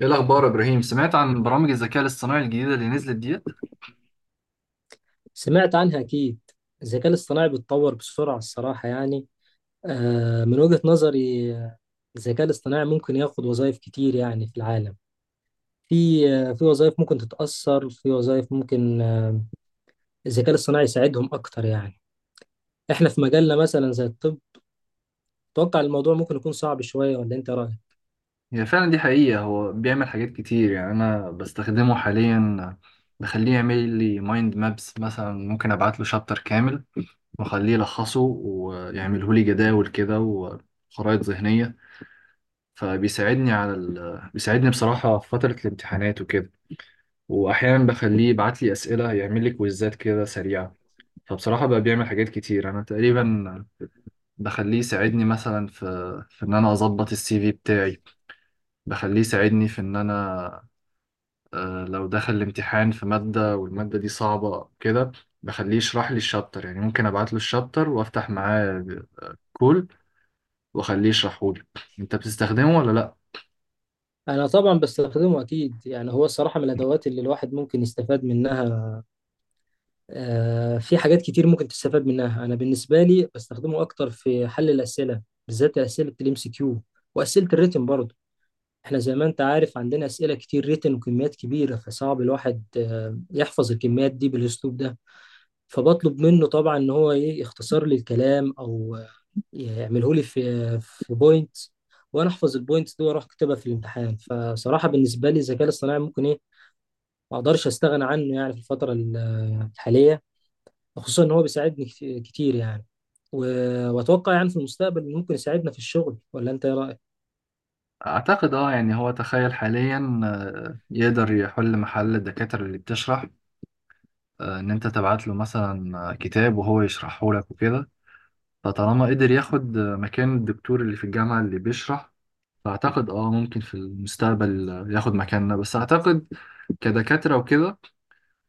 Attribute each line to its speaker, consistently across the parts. Speaker 1: ايه الاخبار يا ابراهيم؟ سمعت عن برامج الذكاء الاصطناعي الجديده اللي نزلت ديت؟
Speaker 2: سمعت عنها أكيد. الذكاء الاصطناعي بيتطور بسرعة الصراحة يعني. من وجهة نظري، الذكاء الاصطناعي ممكن ياخد وظائف كتير يعني في العالم. في في وظائف ممكن تتأثر، في وظائف ممكن الذكاء الاصطناعي يساعدهم أكتر يعني. إحنا في مجالنا مثلا زي الطب أتوقع الموضوع ممكن يكون صعب شوية، ولا أنت رأيك؟
Speaker 1: هي فعلا دي حقيقه، هو بيعمل حاجات كتير يعني. انا بستخدمه حاليا، بخليه يعمل لي مايند مابس مثلا. ممكن ابعت له شابتر كامل واخليه يلخصه ويعمله لي جداول كده وخرائط ذهنيه. فبيساعدني على بيساعدني بصراحة في فترة الامتحانات وكده. وأحيانا بخليه يبعت لي أسئلة، يعمل لي كويزات كده سريعة. فبصراحة بقى بيعمل حاجات كتير. أنا تقريبا بخليه يساعدني مثلا في إن أنا أظبط السي في بتاعي. بخليه يساعدني في إن أنا لو دخل الامتحان في مادة والمادة دي صعبة كده، بخليه يشرح لي الشابتر. يعني ممكن أبعت له الشابتر وأفتح معاه كول وأخليه يشرحه لي. أنت بتستخدمه ولا لأ؟
Speaker 2: أنا طبعا بستخدمه أكيد يعني. هو الصراحة من الأدوات اللي الواحد ممكن يستفاد منها. في حاجات كتير ممكن تستفاد منها. انا بالنسبه لي بستخدمه اكتر في حل الاسئله، بالذات اسئله الام سي كيو واسئله الريتن برضه. احنا زي ما انت عارف عندنا اسئله كتير ريتن وكميات كبيره، فصعب الواحد يحفظ الكميات دي بالاسلوب ده. فبطلب منه طبعا ان هو ايه، يختصر لي الكلام او يعمله لي في في بوينت، وانا احفظ البوينتس دي واروح اكتبها في الامتحان. فصراحه بالنسبه لي الذكاء الاصطناعي ممكن ايه، ما اقدرش استغنى عنه يعني في الحاليه. خصوصا ان هو بيساعدني كتير يعني. و- واتوقع يعني في المستقبل ممكن يساعدنا في الشغل، ولا انت ايه رايك؟
Speaker 1: أعتقد أه يعني، هو تخيل حاليا يقدر يحل محل الدكاترة اللي بتشرح. إن أنت تبعت له مثلا كتاب وهو يشرحه لك وكده. فطالما قدر ياخد مكان الدكتور اللي في الجامعة اللي بيشرح، فأعتقد أه ممكن في المستقبل ياخد مكاننا. بس أعتقد كدكاترة وكده،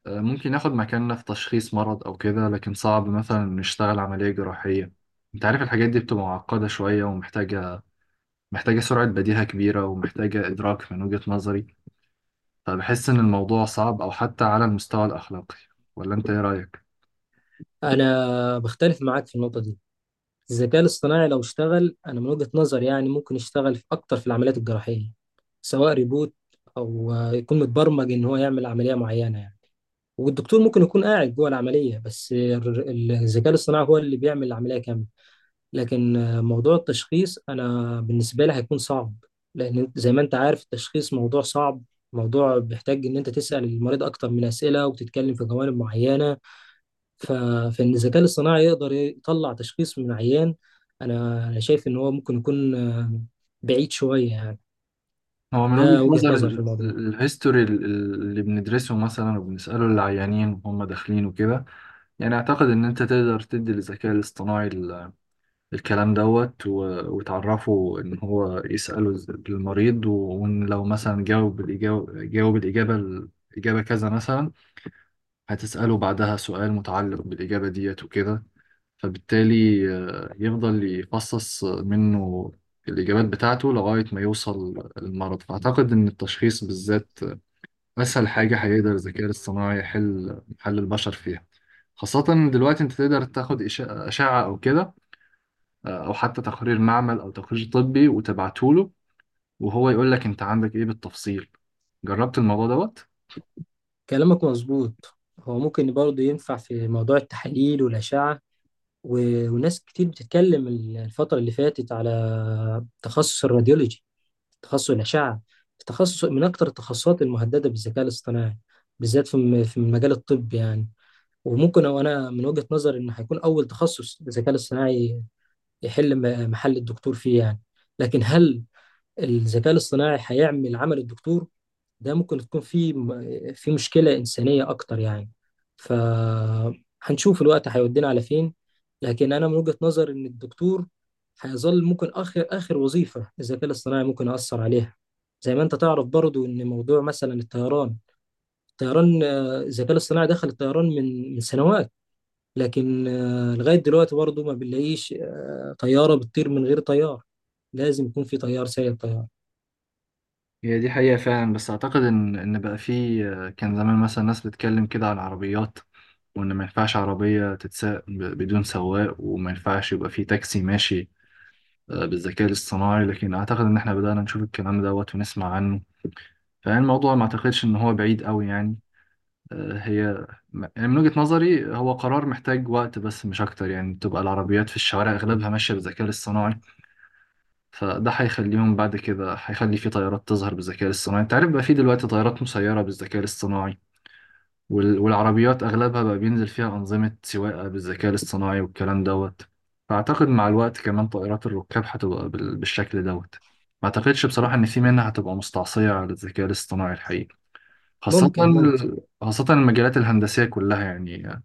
Speaker 1: ممكن ياخد مكاننا في تشخيص مرض أو كده، لكن صعب مثلا نشتغل عملية جراحية. أنت عارف الحاجات دي بتبقى معقدة شوية ومحتاجة محتاجة سرعة بديهة كبيرة ومحتاجة إدراك من وجهة نظري. فبحس إن الموضوع صعب، أو حتى على المستوى الأخلاقي. ولا أنت إيه رأيك؟
Speaker 2: انا بختلف معاك في النقطه دي. الذكاء الاصطناعي لو اشتغل انا من وجهه نظري يعني ممكن يشتغل في اكتر، في العمليات الجراحيه، سواء ريبوت او يكون متبرمج ان هو يعمل عمليه معينه يعني. والدكتور ممكن يكون قاعد جوه العمليه، بس الذكاء الاصطناعي هو اللي بيعمل العمليه كامله. لكن موضوع التشخيص أنا بالنسبة لي هيكون صعب. زي ما أنت عارف التشخيص موضوع صعب، موضوع بيحتاج إن أنت تسأل المريض أكتر من أسئلة وتتكلم في جوانب معينة. ف... فإن الذكاء الاصطناعي يقدر يطلع تشخيص من عيان، أنا شايف إن هو ممكن يكون بعيد شوية يعني.
Speaker 1: هو من
Speaker 2: ده
Speaker 1: وجهة
Speaker 2: وجهة
Speaker 1: نظر
Speaker 2: نظر في الموضوع.
Speaker 1: الهيستوري اللي بندرسه مثلا وبنسأله العيانين وهم داخلين وكده. يعني أعتقد إن أنت تقدر تدي للذكاء الاصطناعي الكلام دوت، وتعرفه إن هو يسأله المريض، وإن لو مثلا جاوب الإجابة، جاوب الإجابة الإجابة كذا مثلا، هتسأله بعدها سؤال متعلق بالإجابة ديت وكده. فبالتالي يفضل يفصص منه الإجابات بتاعته لغاية ما يوصل للمرض. فأعتقد إن التشخيص بالذات أسهل حاجة هيقدر الذكاء الاصطناعي يحل محل البشر فيها. خاصة دلوقتي أنت تقدر تاخد أشعة أو كده، أو حتى تقرير معمل أو تقرير طبي وتبعته له، وهو يقول لك أنت عندك إيه بالتفصيل. جربت الموضوع دوت؟
Speaker 2: كلامك مظبوط، هو ممكن برضه ينفع في موضوع التحاليل والأشعة. و... وناس كتير بتتكلم الفترة اللي فاتت على تخصص الراديولوجي، تخصص الأشعة، تخصص من أكتر التخصصات المهددة بالذكاء الاصطناعي، بالذات في في المجال الطبي يعني. وممكن، أو أنا من وجهة نظري إنه هيكون أول تخصص الذكاء الاصطناعي يحل محل الدكتور فيه يعني. لكن هل الذكاء الاصطناعي هيعمل عمل الدكتور؟ ده ممكن تكون في في مشكلة إنسانية أكتر يعني. فهنشوف الوقت هيودينا على فين. لكن أنا من وجهة نظر إن الدكتور هيظل ممكن آخر آخر وظيفة الذكاء الاصطناعي ممكن يأثر عليها. زي ما أنت تعرف برضو إن موضوع مثلا الطيران، الطيران، الذكاء الاصطناعي دخل الطيران من سنوات. لكن لغاية دلوقتي برضو ما بنلاقيش طيارة بتطير من غير طيار، لازم يكون في طيار سايق الطيارة.
Speaker 1: هي دي حقيقة فعلا، بس أعتقد إن إن بقى فيه كان زمان مثلا ناس بتتكلم كده عن العربيات، وإن ما ينفعش عربية تتساق بدون سواق، وما ينفعش يبقى فيه تاكسي ماشي بالذكاء الاصطناعي. لكن أعتقد إن إحنا بدأنا نشوف الكلام دوت ونسمع عنه. فالموضوع ما أعتقدش إن هو بعيد أوي يعني. آه، هي يعني من وجهة نظري هو قرار محتاج وقت بس، مش أكتر. يعني تبقى العربيات في الشوارع أغلبها ماشية بالذكاء الاصطناعي. فده هيخليهم بعد كده، هيخلي في طيارات تظهر بالذكاء الاصطناعي. انت عارف بقى في دلوقتي طيارات مسيرة بالذكاء الاصطناعي، والعربيات اغلبها بقى بينزل فيها انظمة سواقة بالذكاء الاصطناعي والكلام دوت. فاعتقد مع الوقت كمان طائرات الركاب هتبقى بالشكل دوت. ما اعتقدش بصراحة ان في منها هتبقى مستعصية على الذكاء الاصطناعي الحقيقي، خاصة
Speaker 2: ممكن ممكن.
Speaker 1: خاصة المجالات الهندسية كلها يعني.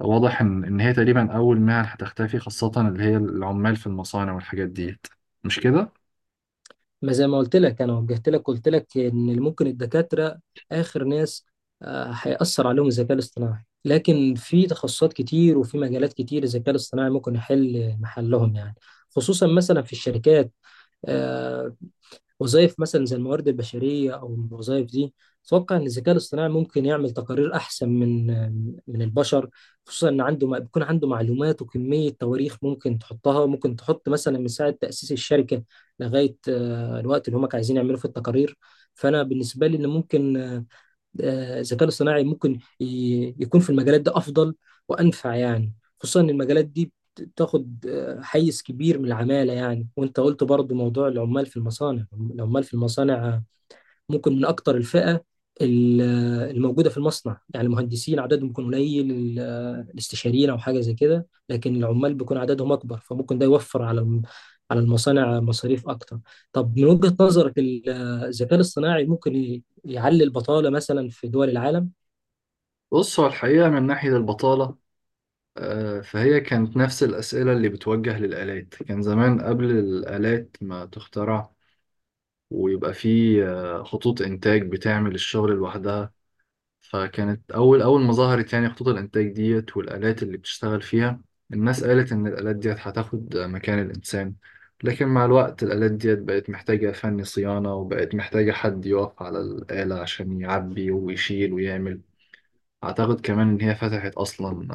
Speaker 1: واضح إن هي تقريبا أول مهن هتختفي، خاصة اللي هي العمال في المصانع والحاجات ديت. مش كده؟
Speaker 2: ما زي ما قلت لك انا، وجهت لك قلت لك ان ممكن الدكاتره اخر ناس هيأثر عليهم الذكاء الاصطناعي. لكن في تخصصات كتير وفي مجالات كتير الذكاء الاصطناعي ممكن يحل محلهم يعني. خصوصا مثلا في الشركات، آه، وظائف مثلا زي الموارد البشرية أو الوظائف دي أتوقع إن الذكاء الاصطناعي ممكن يعمل تقارير أحسن من البشر. خصوصا إن عنده، بيكون عنده معلومات وكمية تواريخ ممكن تحطها، ممكن تحط مثلا من ساعة تأسيس الشركة لغاية الوقت اللي هم عايزين يعملوا في التقارير. فأنا بالنسبة لي إن ممكن الذكاء الاصطناعي ممكن يكون في المجالات دي افضل وانفع يعني. خصوصا ان المجالات دي بتاخد حيز كبير من العمالة يعني. وانت قلت برضو موضوع العمال في المصانع. العمال في المصانع ممكن من اكتر الفئه ال- الموجوده في المصنع يعني. المهندسين عددهم بيكون قليل، الاستشاريين او حاجه زي كده، لكن العمال بيكون عددهم اكبر. فممكن ده يوفر على على المصانع مصاريف اكتر. طب من وجهه نظرك الذكاء الاصطناعي ممكن يعلي البطاله مثلا في دول العالم؟
Speaker 1: بص، هو الحقيقة من ناحية البطالة، فهي كانت نفس الأسئلة اللي بتوجه للآلات كان زمان قبل الآلات ما تخترع، ويبقى في خطوط إنتاج بتعمل الشغل لوحدها. فكانت أول أول ما ظهرت يعني خطوط الإنتاج ديت والآلات اللي بتشتغل فيها، الناس قالت إن الآلات ديت هتاخد مكان الإنسان. لكن مع الوقت الآلات ديت بقت محتاجة فني صيانة، وبقت محتاجة حد يقف على الآلة عشان يعبي ويشيل ويعمل. أعتقد كمان إن هي فتحت أصلا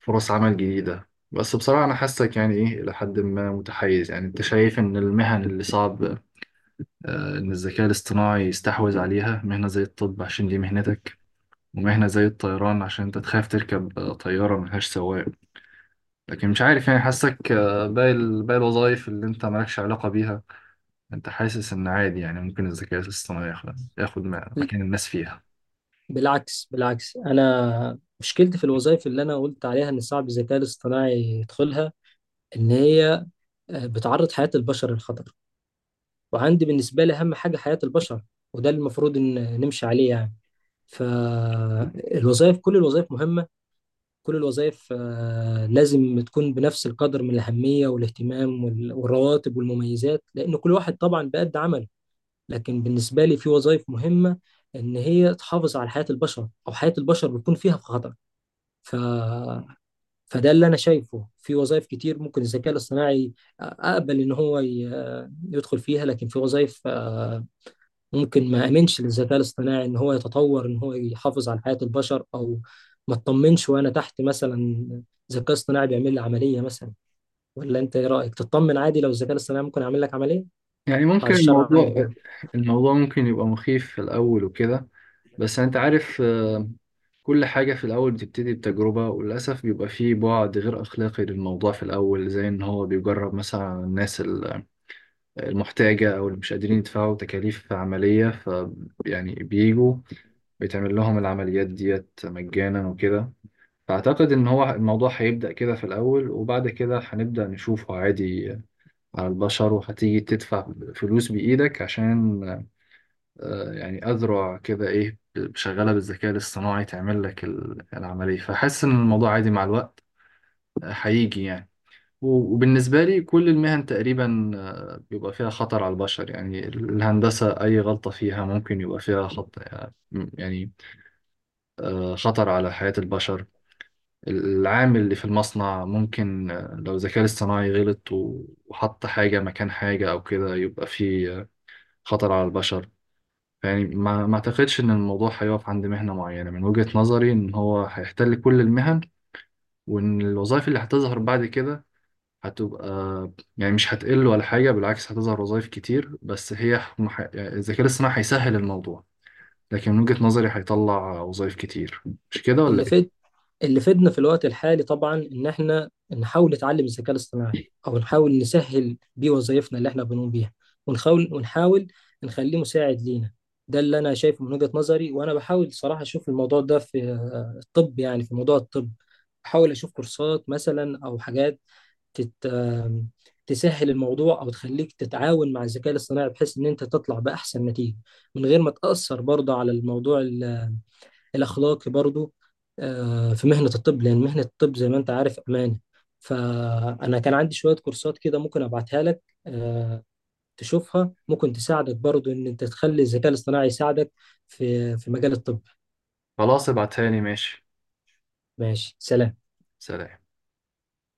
Speaker 1: فرص عمل جديدة. بس بصراحة أنا حاسك يعني إيه، إلى حد ما متحيز. يعني أنت شايف إن المهن اللي صعب إن الذكاء الاصطناعي يستحوذ عليها، مهنة زي الطب عشان دي مهنتك، ومهنة زي الطيران عشان أنت تخاف تركب طيارة ملهاش سواق. لكن مش عارف يعني، حاسك باقي باقي الوظائف اللي أنت مالكش علاقة بيها أنت حاسس إن عادي. يعني ممكن الذكاء الاصطناعي ياخد، ياخد مكان الناس فيها.
Speaker 2: بالعكس، بالعكس، انا مشكلتي في الوظائف اللي انا قلت عليها ان صعب الذكاء الاصطناعي يدخلها ان هي بتعرض حياة البشر للخطر. وعندي بالنسبة لي أهم حاجة حياة البشر، وده اللي المفروض إن نمشي عليه يعني. فالوظائف، كل الوظائف مهمة، كل الوظائف لازم تكون بنفس القدر من الأهمية والاهتمام والرواتب والمميزات، لأن كل واحد طبعا بقد عمله. لكن بالنسبة لي في وظائف مهمة إن هي تحافظ على حياة البشر، أو حياة البشر بيكون فيها في خطر. ف... فده اللي أنا شايفه. في وظائف كتير ممكن الذكاء الاصطناعي أقبل إن هو يدخل فيها، لكن في وظائف ممكن ما امنش للذكاء الاصطناعي ان هو يتطور ان هو يحافظ على حياة البشر. او ما اطمنش وانا تحت مثلا ذكاء اصطناعي بيعمل لي عملية مثلا. ولا انت ايه رأيك، تطمن عادي لو الذكاء الاصطناعي ممكن يعمل لك عملية؟
Speaker 1: يعني
Speaker 2: بعد
Speaker 1: ممكن
Speaker 2: الشر
Speaker 1: الموضوع،
Speaker 2: عنك يعني.
Speaker 1: الموضوع ممكن يبقى مخيف في الأول وكده. بس أنت عارف كل حاجة في الأول بتبتدي بتجربة، وللأسف بيبقى فيه بعد غير أخلاقي للموضوع في الأول، زي إن هو بيجرب مثلا على الناس المحتاجة أو اللي مش قادرين يدفعوا تكاليف عملية. ف يعني بيجوا بيتعمل لهم العمليات ديت مجانا وكده. فأعتقد إن هو الموضوع هيبدأ كده في الأول، وبعد كده هنبدأ نشوفه عادي على البشر. وهتيجي تدفع فلوس بإيدك عشان يعني أذرع كده إيه شغالة بالذكاء الاصطناعي تعمل لك العملية. فحس إن الموضوع عادي مع الوقت هيجي يعني. وبالنسبة لي كل المهن تقريبا بيبقى فيها خطر على البشر. يعني الهندسة أي غلطة فيها ممكن يبقى فيها خط، يعني خطر على حياة البشر. العامل اللي في المصنع ممكن لو الذكاء الاصطناعي غلط وحط حاجة مكان حاجة أو كده، يبقى فيه خطر على البشر. يعني ما اعتقدش ان الموضوع هيقف عند مهنة معينة. من وجهة نظري ان هو هيحتل كل المهن، وان الوظائف اللي هتظهر بعد كده هتبقى، يعني مش هتقل ولا حاجة. بالعكس هتظهر وظائف كتير، بس هي يعني الذكاء الاصطناعي هيسهل الموضوع، لكن من وجهة نظري هيطلع وظائف كتير. مش كده ولا
Speaker 2: اللي فيد
Speaker 1: ايه؟
Speaker 2: اللي فيدنا في الوقت الحالي طبعا ان احنا نحاول نتعلم الذكاء الاصطناعي، او نحاول نسهل بيه وظائفنا اللي احنا بنقوم بيها، ونحاول نخليه مساعد لينا. ده اللي انا شايفه من وجهة نظري. وانا بحاول صراحة اشوف الموضوع ده في الطب يعني، في موضوع الطب احاول اشوف كورسات مثلا او حاجات تت... آم، تسهل الموضوع او تخليك تتعاون مع الذكاء الاصطناعي، بحيث ان انت تطلع باحسن نتيجه من غير ما تاثر برضه على الموضوع الاخلاقي برضه. في مهنه الطب، لان مهنه الطب زي ما انت عارف امانه. فانا كان عندي شويه كورسات كده ممكن ابعتها لك، تشوفها ممكن تساعدك برضه ان انت تخلي الذكاء الاصطناعي يساعدك في في مجال الطب.
Speaker 1: خلاص ابعتها لي، ماشي.
Speaker 2: ماشي، سلام.
Speaker 1: سلام.